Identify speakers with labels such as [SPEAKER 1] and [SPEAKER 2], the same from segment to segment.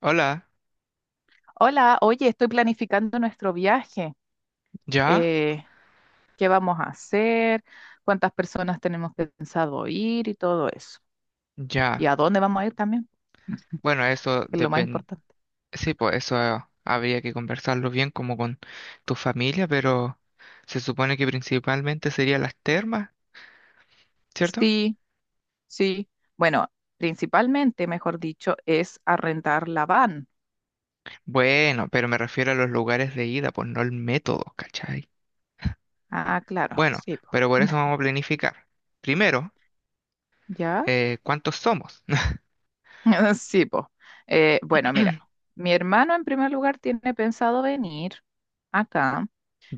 [SPEAKER 1] Hola,
[SPEAKER 2] Hola, oye, estoy planificando nuestro viaje.
[SPEAKER 1] ¿ya?
[SPEAKER 2] Eh, ¿Qué vamos a hacer? ¿Cuántas personas tenemos pensado ir y todo eso? ¿Y
[SPEAKER 1] Ya.
[SPEAKER 2] a dónde vamos a ir también?
[SPEAKER 1] Bueno, eso
[SPEAKER 2] Que es lo más
[SPEAKER 1] depende.
[SPEAKER 2] importante.
[SPEAKER 1] Sí, pues eso habría que conversarlo bien como con tu familia, pero se supone que principalmente serían las termas, ¿cierto?
[SPEAKER 2] Sí, sí. Bueno, principalmente, mejor dicho, es arrendar la van.
[SPEAKER 1] Bueno, pero me refiero a los lugares de ida, pues no el método, ¿cachai?
[SPEAKER 2] Ah, claro,
[SPEAKER 1] Bueno,
[SPEAKER 2] sí, po.
[SPEAKER 1] pero por eso vamos a planificar. Primero,
[SPEAKER 2] ¿Ya?
[SPEAKER 1] ¿cuántos somos?
[SPEAKER 2] Sí, po. Bueno, mira, mi hermano en primer lugar tiene pensado venir acá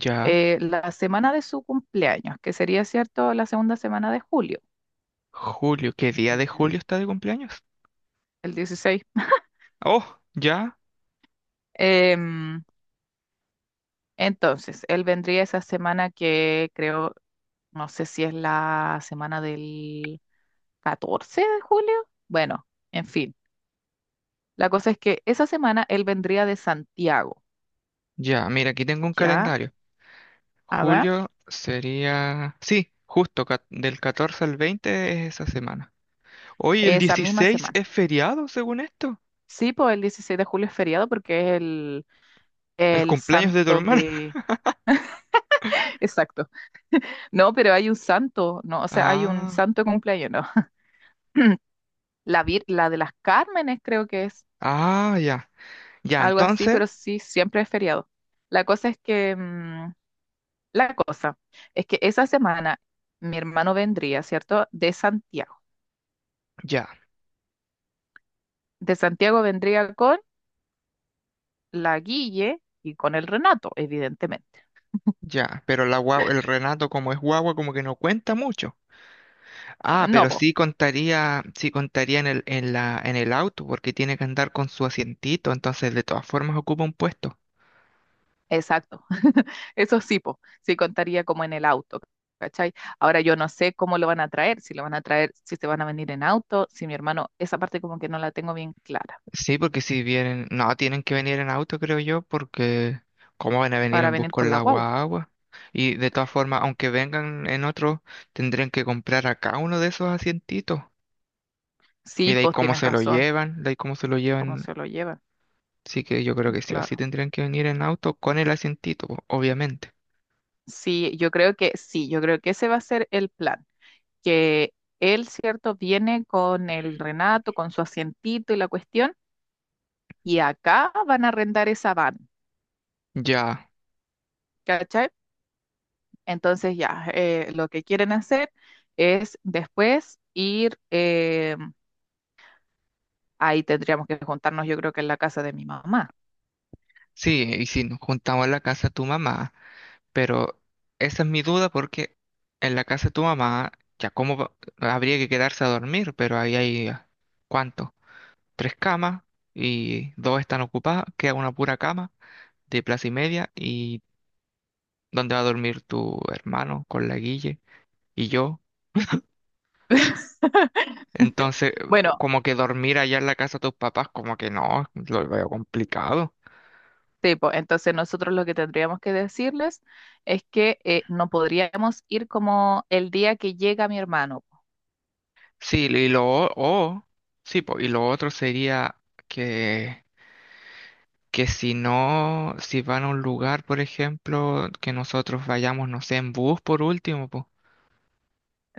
[SPEAKER 1] Ya.
[SPEAKER 2] la semana de su cumpleaños, que sería, ¿cierto?, la segunda semana de julio.
[SPEAKER 1] Julio, ¿qué día de
[SPEAKER 2] Ya.
[SPEAKER 1] julio está de cumpleaños?
[SPEAKER 2] El 16.
[SPEAKER 1] Oh, ya,
[SPEAKER 2] Em, entonces, él vendría esa semana que creo, no sé si es la semana del 14 de julio. Bueno, en fin. La cosa es que esa semana él vendría de Santiago,
[SPEAKER 1] ya. Mira, aquí tengo un
[SPEAKER 2] ¿ya?
[SPEAKER 1] calendario.
[SPEAKER 2] A ver,
[SPEAKER 1] Julio sería... Sí, justo del 14 al 20 es esa semana. Hoy el
[SPEAKER 2] esa misma
[SPEAKER 1] 16
[SPEAKER 2] semana.
[SPEAKER 1] es feriado, según esto.
[SPEAKER 2] Sí, pues el 16 de julio es feriado porque es
[SPEAKER 1] El
[SPEAKER 2] el
[SPEAKER 1] cumpleaños de tu
[SPEAKER 2] santo
[SPEAKER 1] hermano.
[SPEAKER 2] de... Exacto. No, pero hay un santo, ¿no? O sea, hay un
[SPEAKER 1] Ah,
[SPEAKER 2] santo de cumpleaños, ¿no? La de las Cármenes creo que es.
[SPEAKER 1] ah, ya. Ya,
[SPEAKER 2] Algo así,
[SPEAKER 1] entonces,
[SPEAKER 2] pero sí, siempre es feriado. La cosa es que, mm, la cosa es que esa semana mi hermano vendría, ¿cierto? De Santiago.
[SPEAKER 1] ya,
[SPEAKER 2] De Santiago vendría con la Guille y con el Renato, evidentemente.
[SPEAKER 1] ya. Pero la guagua, el Renato como es guagua, como que no cuenta mucho. Ah,
[SPEAKER 2] No,
[SPEAKER 1] pero
[SPEAKER 2] po,
[SPEAKER 1] sí contaría en el auto, porque tiene que andar con su asientito, entonces de todas formas ocupa un puesto.
[SPEAKER 2] exacto. Eso sí, po, sí contaría como en el auto, ¿cachai? Ahora yo no sé cómo lo van a traer, si lo van a traer, si se van a venir en auto, si mi hermano, esa parte como que no la tengo bien clara,
[SPEAKER 1] Sí, porque si vienen, no, tienen que venir en auto, creo yo, porque ¿cómo van a venir
[SPEAKER 2] para
[SPEAKER 1] en bus
[SPEAKER 2] venir
[SPEAKER 1] con
[SPEAKER 2] con la
[SPEAKER 1] la
[SPEAKER 2] guagua.
[SPEAKER 1] guagua? Y de todas formas, aunque vengan en otro, tendrían que comprar acá uno de esos asientitos. Y
[SPEAKER 2] Sí,
[SPEAKER 1] de ahí
[SPEAKER 2] pues
[SPEAKER 1] cómo
[SPEAKER 2] tienes
[SPEAKER 1] se lo
[SPEAKER 2] razón,
[SPEAKER 1] llevan, de ahí cómo se lo
[SPEAKER 2] cómo
[SPEAKER 1] llevan.
[SPEAKER 2] se lo llevan,
[SPEAKER 1] Sí que yo creo que sí o sí
[SPEAKER 2] claro.
[SPEAKER 1] tendrían que venir en auto con el asientito, po, obviamente.
[SPEAKER 2] Sí, yo creo que sí, yo creo que ese va a ser el plan, que él, cierto, viene con el Renato, con su asientito y la cuestión, y acá van a arrendar esa van,
[SPEAKER 1] Ya,
[SPEAKER 2] ¿cachai? Entonces ya, lo que quieren hacer es después ir, ahí tendríamos que juntarnos, yo creo que en la casa de mi mamá.
[SPEAKER 1] sí, y si nos juntamos en la casa de tu mamá. Pero esa es mi duda porque en la casa de tu mamá, ya habría que quedarse a dormir, pero ahí hay, ah, ¿cuánto? Tres camas y dos están ocupadas, queda una pura cama de plaza y media y donde va a dormir tu hermano con la Guille y yo. Entonces,
[SPEAKER 2] Bueno,
[SPEAKER 1] como que dormir allá en la casa de tus papás, como que no, lo veo complicado.
[SPEAKER 2] tipo, entonces nosotros lo que tendríamos que decirles es que no podríamos ir como el día que llega mi hermano.
[SPEAKER 1] Sí, y lo, o, sí, po, y lo otro sería que que si no, si van a un lugar, por ejemplo, que nosotros vayamos, no sé, en bus por último, pues.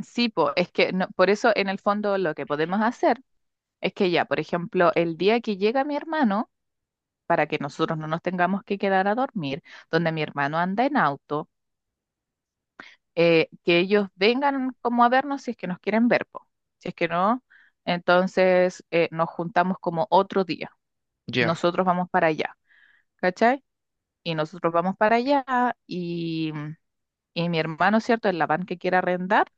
[SPEAKER 2] Sí, po, es que por eso en el fondo lo que podemos hacer es que ya, por ejemplo, el día que llega mi hermano, para que nosotros no nos tengamos que quedar a dormir, donde mi hermano anda en auto, que ellos vengan como a vernos si es que nos quieren ver, po. Si es que no, entonces nos juntamos como otro día.
[SPEAKER 1] Ya,
[SPEAKER 2] Nosotros vamos para allá, ¿cachai? Y nosotros vamos para allá y, y mi hermano, ¿cierto? El van que quiera arrendar,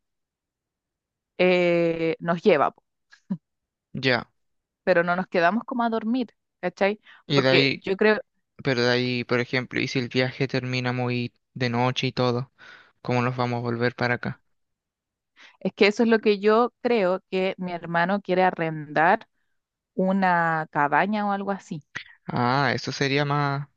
[SPEAKER 2] nos lleva.
[SPEAKER 1] ya.
[SPEAKER 2] Pero no nos quedamos como a dormir, ¿cachai?
[SPEAKER 1] Y de
[SPEAKER 2] Porque
[SPEAKER 1] ahí,
[SPEAKER 2] yo creo,
[SPEAKER 1] pero de ahí, por ejemplo, y si el viaje termina muy de noche y todo, ¿cómo nos vamos a volver para acá?
[SPEAKER 2] es que eso es lo que yo creo que mi hermano quiere arrendar una cabaña o algo así.
[SPEAKER 1] Ah, eso sería más,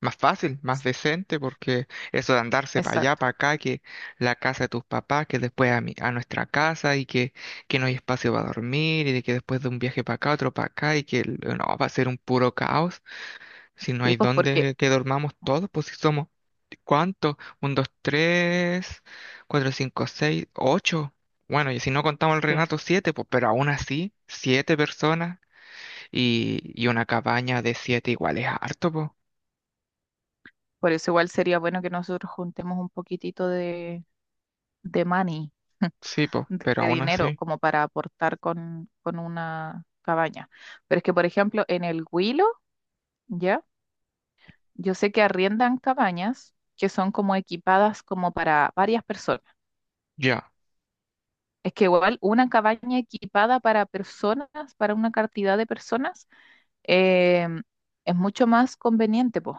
[SPEAKER 1] más fácil, más
[SPEAKER 2] S-
[SPEAKER 1] decente, porque eso de andarse para allá,
[SPEAKER 2] Exacto.
[SPEAKER 1] para acá, que la casa de tus papás, que después a mi, a nuestra casa y que no hay espacio para dormir y de que después de un viaje para acá, otro para acá y no, va a ser un puro caos. Si no
[SPEAKER 2] Sí,
[SPEAKER 1] hay
[SPEAKER 2] pues porque,
[SPEAKER 1] dónde que dormamos todos, pues si somos, ¿cuántos? Un, dos, tres, cuatro, cinco, seis, ocho. Bueno, y si no contamos el
[SPEAKER 2] sí,
[SPEAKER 1] Renato, siete, pues, pero aún así, siete personas y una cabaña de siete igual es harto, pues.
[SPEAKER 2] por eso igual sería bueno que nosotros juntemos un poquitito de money,
[SPEAKER 1] Sí, pues, pero
[SPEAKER 2] de
[SPEAKER 1] aún
[SPEAKER 2] dinero,
[SPEAKER 1] así,
[SPEAKER 2] como para aportar con una cabaña. Pero es que, por ejemplo, en el Huilo, ¿ya? Yo sé que arriendan cabañas que son como equipadas como para varias personas.
[SPEAKER 1] ya.
[SPEAKER 2] Es que igual una cabaña equipada para personas, para una cantidad de personas, eh, es mucho más conveniente, pues.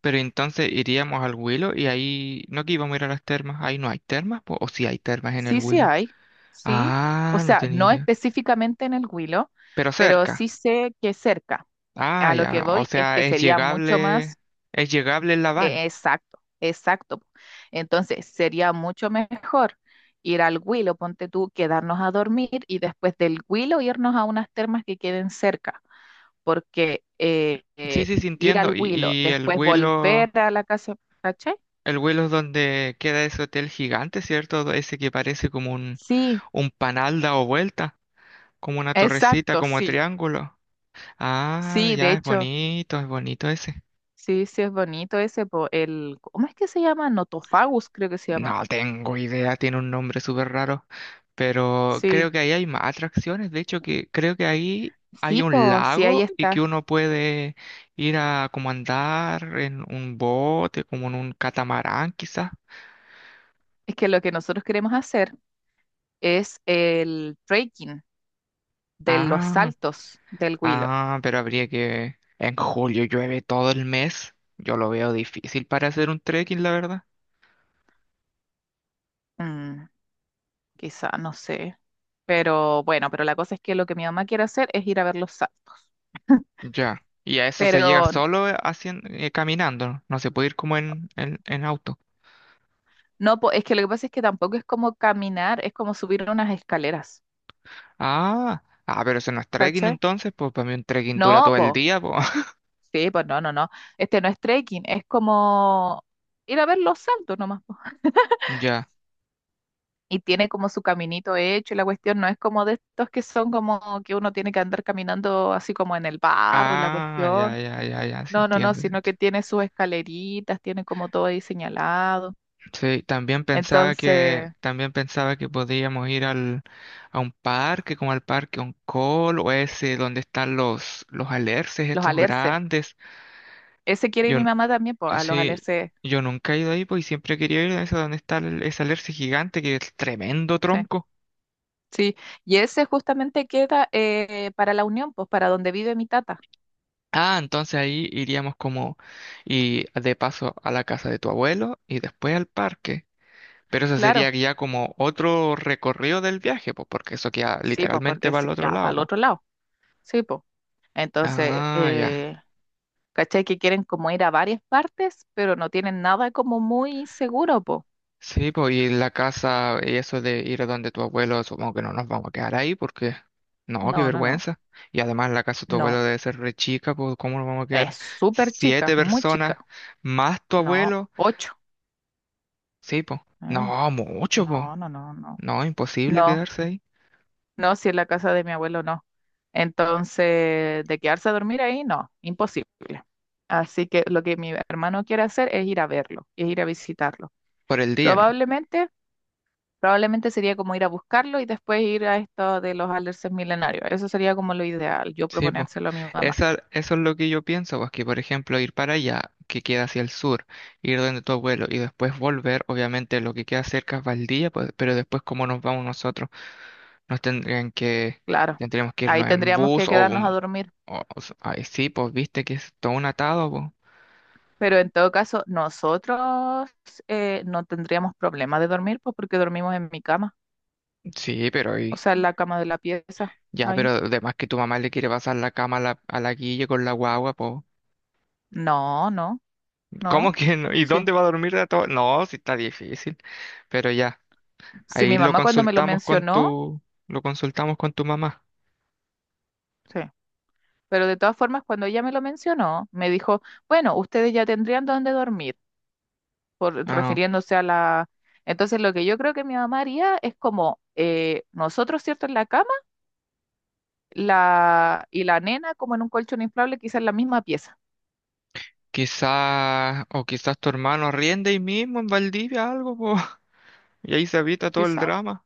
[SPEAKER 1] Pero entonces iríamos al Huilo y ahí, no que íbamos a ir a las termas, ahí no hay termas, pues, o si hay termas en el
[SPEAKER 2] Sí, sí
[SPEAKER 1] Huilo.
[SPEAKER 2] hay, sí. O
[SPEAKER 1] Ah, no
[SPEAKER 2] sea,
[SPEAKER 1] tenía
[SPEAKER 2] no
[SPEAKER 1] idea.
[SPEAKER 2] específicamente en el Huilo,
[SPEAKER 1] Pero
[SPEAKER 2] pero sí
[SPEAKER 1] cerca.
[SPEAKER 2] sé que cerca.
[SPEAKER 1] Ah,
[SPEAKER 2] A lo que
[SPEAKER 1] ya, o
[SPEAKER 2] voy es
[SPEAKER 1] sea,
[SPEAKER 2] que sería mucho más,
[SPEAKER 1] es llegable en la van.
[SPEAKER 2] exacto, exacto. Entonces, sería mucho mejor ir al Huilo, ponte tú, quedarnos a dormir y después del Huilo irnos a unas termas que queden cerca. Porque
[SPEAKER 1] Sí, sí, sí,
[SPEAKER 2] ir
[SPEAKER 1] entiendo.
[SPEAKER 2] al Huilo,
[SPEAKER 1] Y
[SPEAKER 2] después volver a la casa, ¿cachai?
[SPEAKER 1] El Willow es donde queda ese hotel gigante, ¿cierto? Ese que parece como
[SPEAKER 2] Sí,
[SPEAKER 1] un panal dado vuelta, como una torrecita,
[SPEAKER 2] exacto,
[SPEAKER 1] como
[SPEAKER 2] sí,
[SPEAKER 1] triángulo. Ah,
[SPEAKER 2] sí, de
[SPEAKER 1] ya,
[SPEAKER 2] hecho,
[SPEAKER 1] es bonito ese.
[SPEAKER 2] sí, sí es bonito ese, po, el, ¿cómo es que se llama? Notofagus, creo que se llama.
[SPEAKER 1] No tengo idea, tiene un nombre súper raro. Pero
[SPEAKER 2] Sí,
[SPEAKER 1] creo que ahí hay más atracciones. De hecho, que creo que ahí hay
[SPEAKER 2] sí,
[SPEAKER 1] un
[SPEAKER 2] pues sí, ahí
[SPEAKER 1] lago y que
[SPEAKER 2] está.
[SPEAKER 1] uno puede ir a como andar en un bote, como en un catamarán, quizás.
[SPEAKER 2] Es que lo que nosotros queremos hacer es el trekking de los
[SPEAKER 1] Ah.
[SPEAKER 2] saltos del Huilo.
[SPEAKER 1] Ah, pero habría que... En julio llueve todo el mes. Yo lo veo difícil para hacer un trekking, la verdad.
[SPEAKER 2] Mm, Quizá, no sé. Pero bueno, pero la cosa es que lo que mi mamá quiere hacer es ir a ver los saltos.
[SPEAKER 1] Ya. Y a eso se llega
[SPEAKER 2] Pero
[SPEAKER 1] solo haciendo, caminando. No se puede ir como en auto.
[SPEAKER 2] no, po, es que lo que pasa es que tampoco es como caminar, es como subir unas escaleras,
[SPEAKER 1] Ah, ah, pero eso no es trekking
[SPEAKER 2] ¿cachai?
[SPEAKER 1] entonces. Pues para mí un trekking dura
[SPEAKER 2] No,
[SPEAKER 1] todo el
[SPEAKER 2] po,
[SPEAKER 1] día, pues.
[SPEAKER 2] sí, pues no, no, no. Este no es trekking, es como ir a ver los saltos nomás, po.
[SPEAKER 1] Ya.
[SPEAKER 2] Y tiene como su caminito hecho y la cuestión no es como de estos que son como que uno tiene que andar caminando así como en el barro y la
[SPEAKER 1] Ah,
[SPEAKER 2] cuestión.
[SPEAKER 1] ya, ya, ya, ya. Sí
[SPEAKER 2] No, no, no,
[SPEAKER 1] entiendo. Sí.
[SPEAKER 2] sino que tiene sus escaleritas, tiene como todo ahí señalado.
[SPEAKER 1] Sí,
[SPEAKER 2] Entonces,
[SPEAKER 1] también pensaba que podíamos ir al, a un parque, como al parque Oncol, o ese donde están los alerces
[SPEAKER 2] los
[SPEAKER 1] estos
[SPEAKER 2] alerces.
[SPEAKER 1] grandes.
[SPEAKER 2] Ese quiere ir
[SPEAKER 1] Yo,
[SPEAKER 2] mi
[SPEAKER 1] n-
[SPEAKER 2] mamá también, pues, a los
[SPEAKER 1] sí,
[SPEAKER 2] alerces.
[SPEAKER 1] yo nunca he ido ahí, pues, y siempre quería ir a ese donde está ese alerce gigante, que es tremendo
[SPEAKER 2] Sí.
[SPEAKER 1] tronco.
[SPEAKER 2] Sí, y ese justamente queda para la Unión, pues para donde vive mi tata.
[SPEAKER 1] Ah, entonces ahí iríamos como, y de paso a la casa de tu abuelo, y después al parque. Pero eso
[SPEAKER 2] Claro,
[SPEAKER 1] sería ya como otro recorrido del viaje, pues, porque eso queda
[SPEAKER 2] sí, pues porque
[SPEAKER 1] literalmente para el
[SPEAKER 2] es
[SPEAKER 1] otro
[SPEAKER 2] ya para el
[SPEAKER 1] lado.
[SPEAKER 2] otro lado. Sí, pues. Entonces,
[SPEAKER 1] Ah, ya.
[SPEAKER 2] ¿cachai que quieren como ir a varias partes, pero no tienen nada como muy seguro, pues?
[SPEAKER 1] Sí, pues y la casa y eso de ir a donde tu abuelo, supongo que no nos vamos a quedar ahí porque... No, qué
[SPEAKER 2] No, no, no,
[SPEAKER 1] vergüenza. Y además la casa de tu
[SPEAKER 2] no.
[SPEAKER 1] abuelo debe ser re chica, pues ¿cómo nos vamos a quedar
[SPEAKER 2] Es súper
[SPEAKER 1] siete
[SPEAKER 2] chica, muy
[SPEAKER 1] personas
[SPEAKER 2] chica.
[SPEAKER 1] más tu
[SPEAKER 2] No,
[SPEAKER 1] abuelo?
[SPEAKER 2] ocho.
[SPEAKER 1] Sí, pues.
[SPEAKER 2] Mm,
[SPEAKER 1] No, mucho, pues.
[SPEAKER 2] no, no, no, no.
[SPEAKER 1] No, imposible
[SPEAKER 2] No,
[SPEAKER 1] quedarse ahí
[SPEAKER 2] no, si es la casa de mi abuelo no. Entonces, de quedarse a dormir ahí, no, imposible. Así que lo que mi hermano quiere hacer es ir a verlo, es ir a visitarlo.
[SPEAKER 1] por el día, ¿no?
[SPEAKER 2] Probablemente, probablemente sería como ir a buscarlo y después ir a esto de los alerces milenarios. Eso sería como lo ideal, yo
[SPEAKER 1] Sí, pues.
[SPEAKER 2] proponérselo a mi mamá.
[SPEAKER 1] Esa, eso es lo que yo pienso, pues que por ejemplo ir para allá, que queda hacia el sur, ir donde tu abuelo y después volver, obviamente lo que queda cerca es Valdivia, pues, pero después cómo nos vamos nosotros, nos tendrían que,
[SPEAKER 2] Claro,
[SPEAKER 1] tendríamos que
[SPEAKER 2] ahí
[SPEAKER 1] irnos en
[SPEAKER 2] tendríamos
[SPEAKER 1] bus
[SPEAKER 2] que
[SPEAKER 1] o,
[SPEAKER 2] quedarnos a dormir.
[SPEAKER 1] ay, sí, pues viste que es todo un atado, pues.
[SPEAKER 2] Pero en todo caso, nosotros no tendríamos problema de dormir, pues porque dormimos en mi cama,
[SPEAKER 1] Sí, pero
[SPEAKER 2] o
[SPEAKER 1] y,
[SPEAKER 2] sea, en la cama de la pieza,
[SPEAKER 1] ya, pero
[SPEAKER 2] ahí.
[SPEAKER 1] además que tu mamá le quiere pasar la cama a la Guille con la guagua, pues.
[SPEAKER 2] No, no.
[SPEAKER 1] ¿Cómo
[SPEAKER 2] No,
[SPEAKER 1] que no? ¿Y
[SPEAKER 2] sí.
[SPEAKER 1] dónde va a dormir de todo? No, sí está difícil, pero ya.
[SPEAKER 2] Sí,
[SPEAKER 1] Ahí
[SPEAKER 2] mi
[SPEAKER 1] lo
[SPEAKER 2] mamá cuando me lo
[SPEAKER 1] consultamos con
[SPEAKER 2] mencionó,
[SPEAKER 1] tu, lo consultamos con tu mamá.
[SPEAKER 2] sí. Pero de todas formas, cuando ella me lo mencionó, me dijo, bueno, ustedes ya tendrían dónde dormir, por,
[SPEAKER 1] Ah,
[SPEAKER 2] refiriéndose a la... Entonces, lo que yo creo que mi mamá haría es como nosotros, ¿cierto? En la cama la, y la nena como en un colchón inflable, quizás en la misma pieza.
[SPEAKER 1] quizás, o quizás tu hermano riende ahí mismo en Valdivia algo, po, y ahí se evita todo el
[SPEAKER 2] Quizá,
[SPEAKER 1] drama.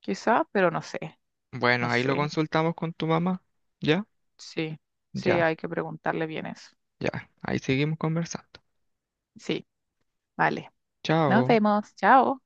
[SPEAKER 2] quizá, pero no sé,
[SPEAKER 1] Bueno,
[SPEAKER 2] no
[SPEAKER 1] ahí lo
[SPEAKER 2] sé.
[SPEAKER 1] consultamos con tu mamá. ¿Ya?
[SPEAKER 2] Sí, sí,
[SPEAKER 1] Ya,
[SPEAKER 2] hay que preguntarle bien eso.
[SPEAKER 1] ya. Ahí seguimos conversando.
[SPEAKER 2] Sí, vale. Nos
[SPEAKER 1] Chao.
[SPEAKER 2] vemos. Chao.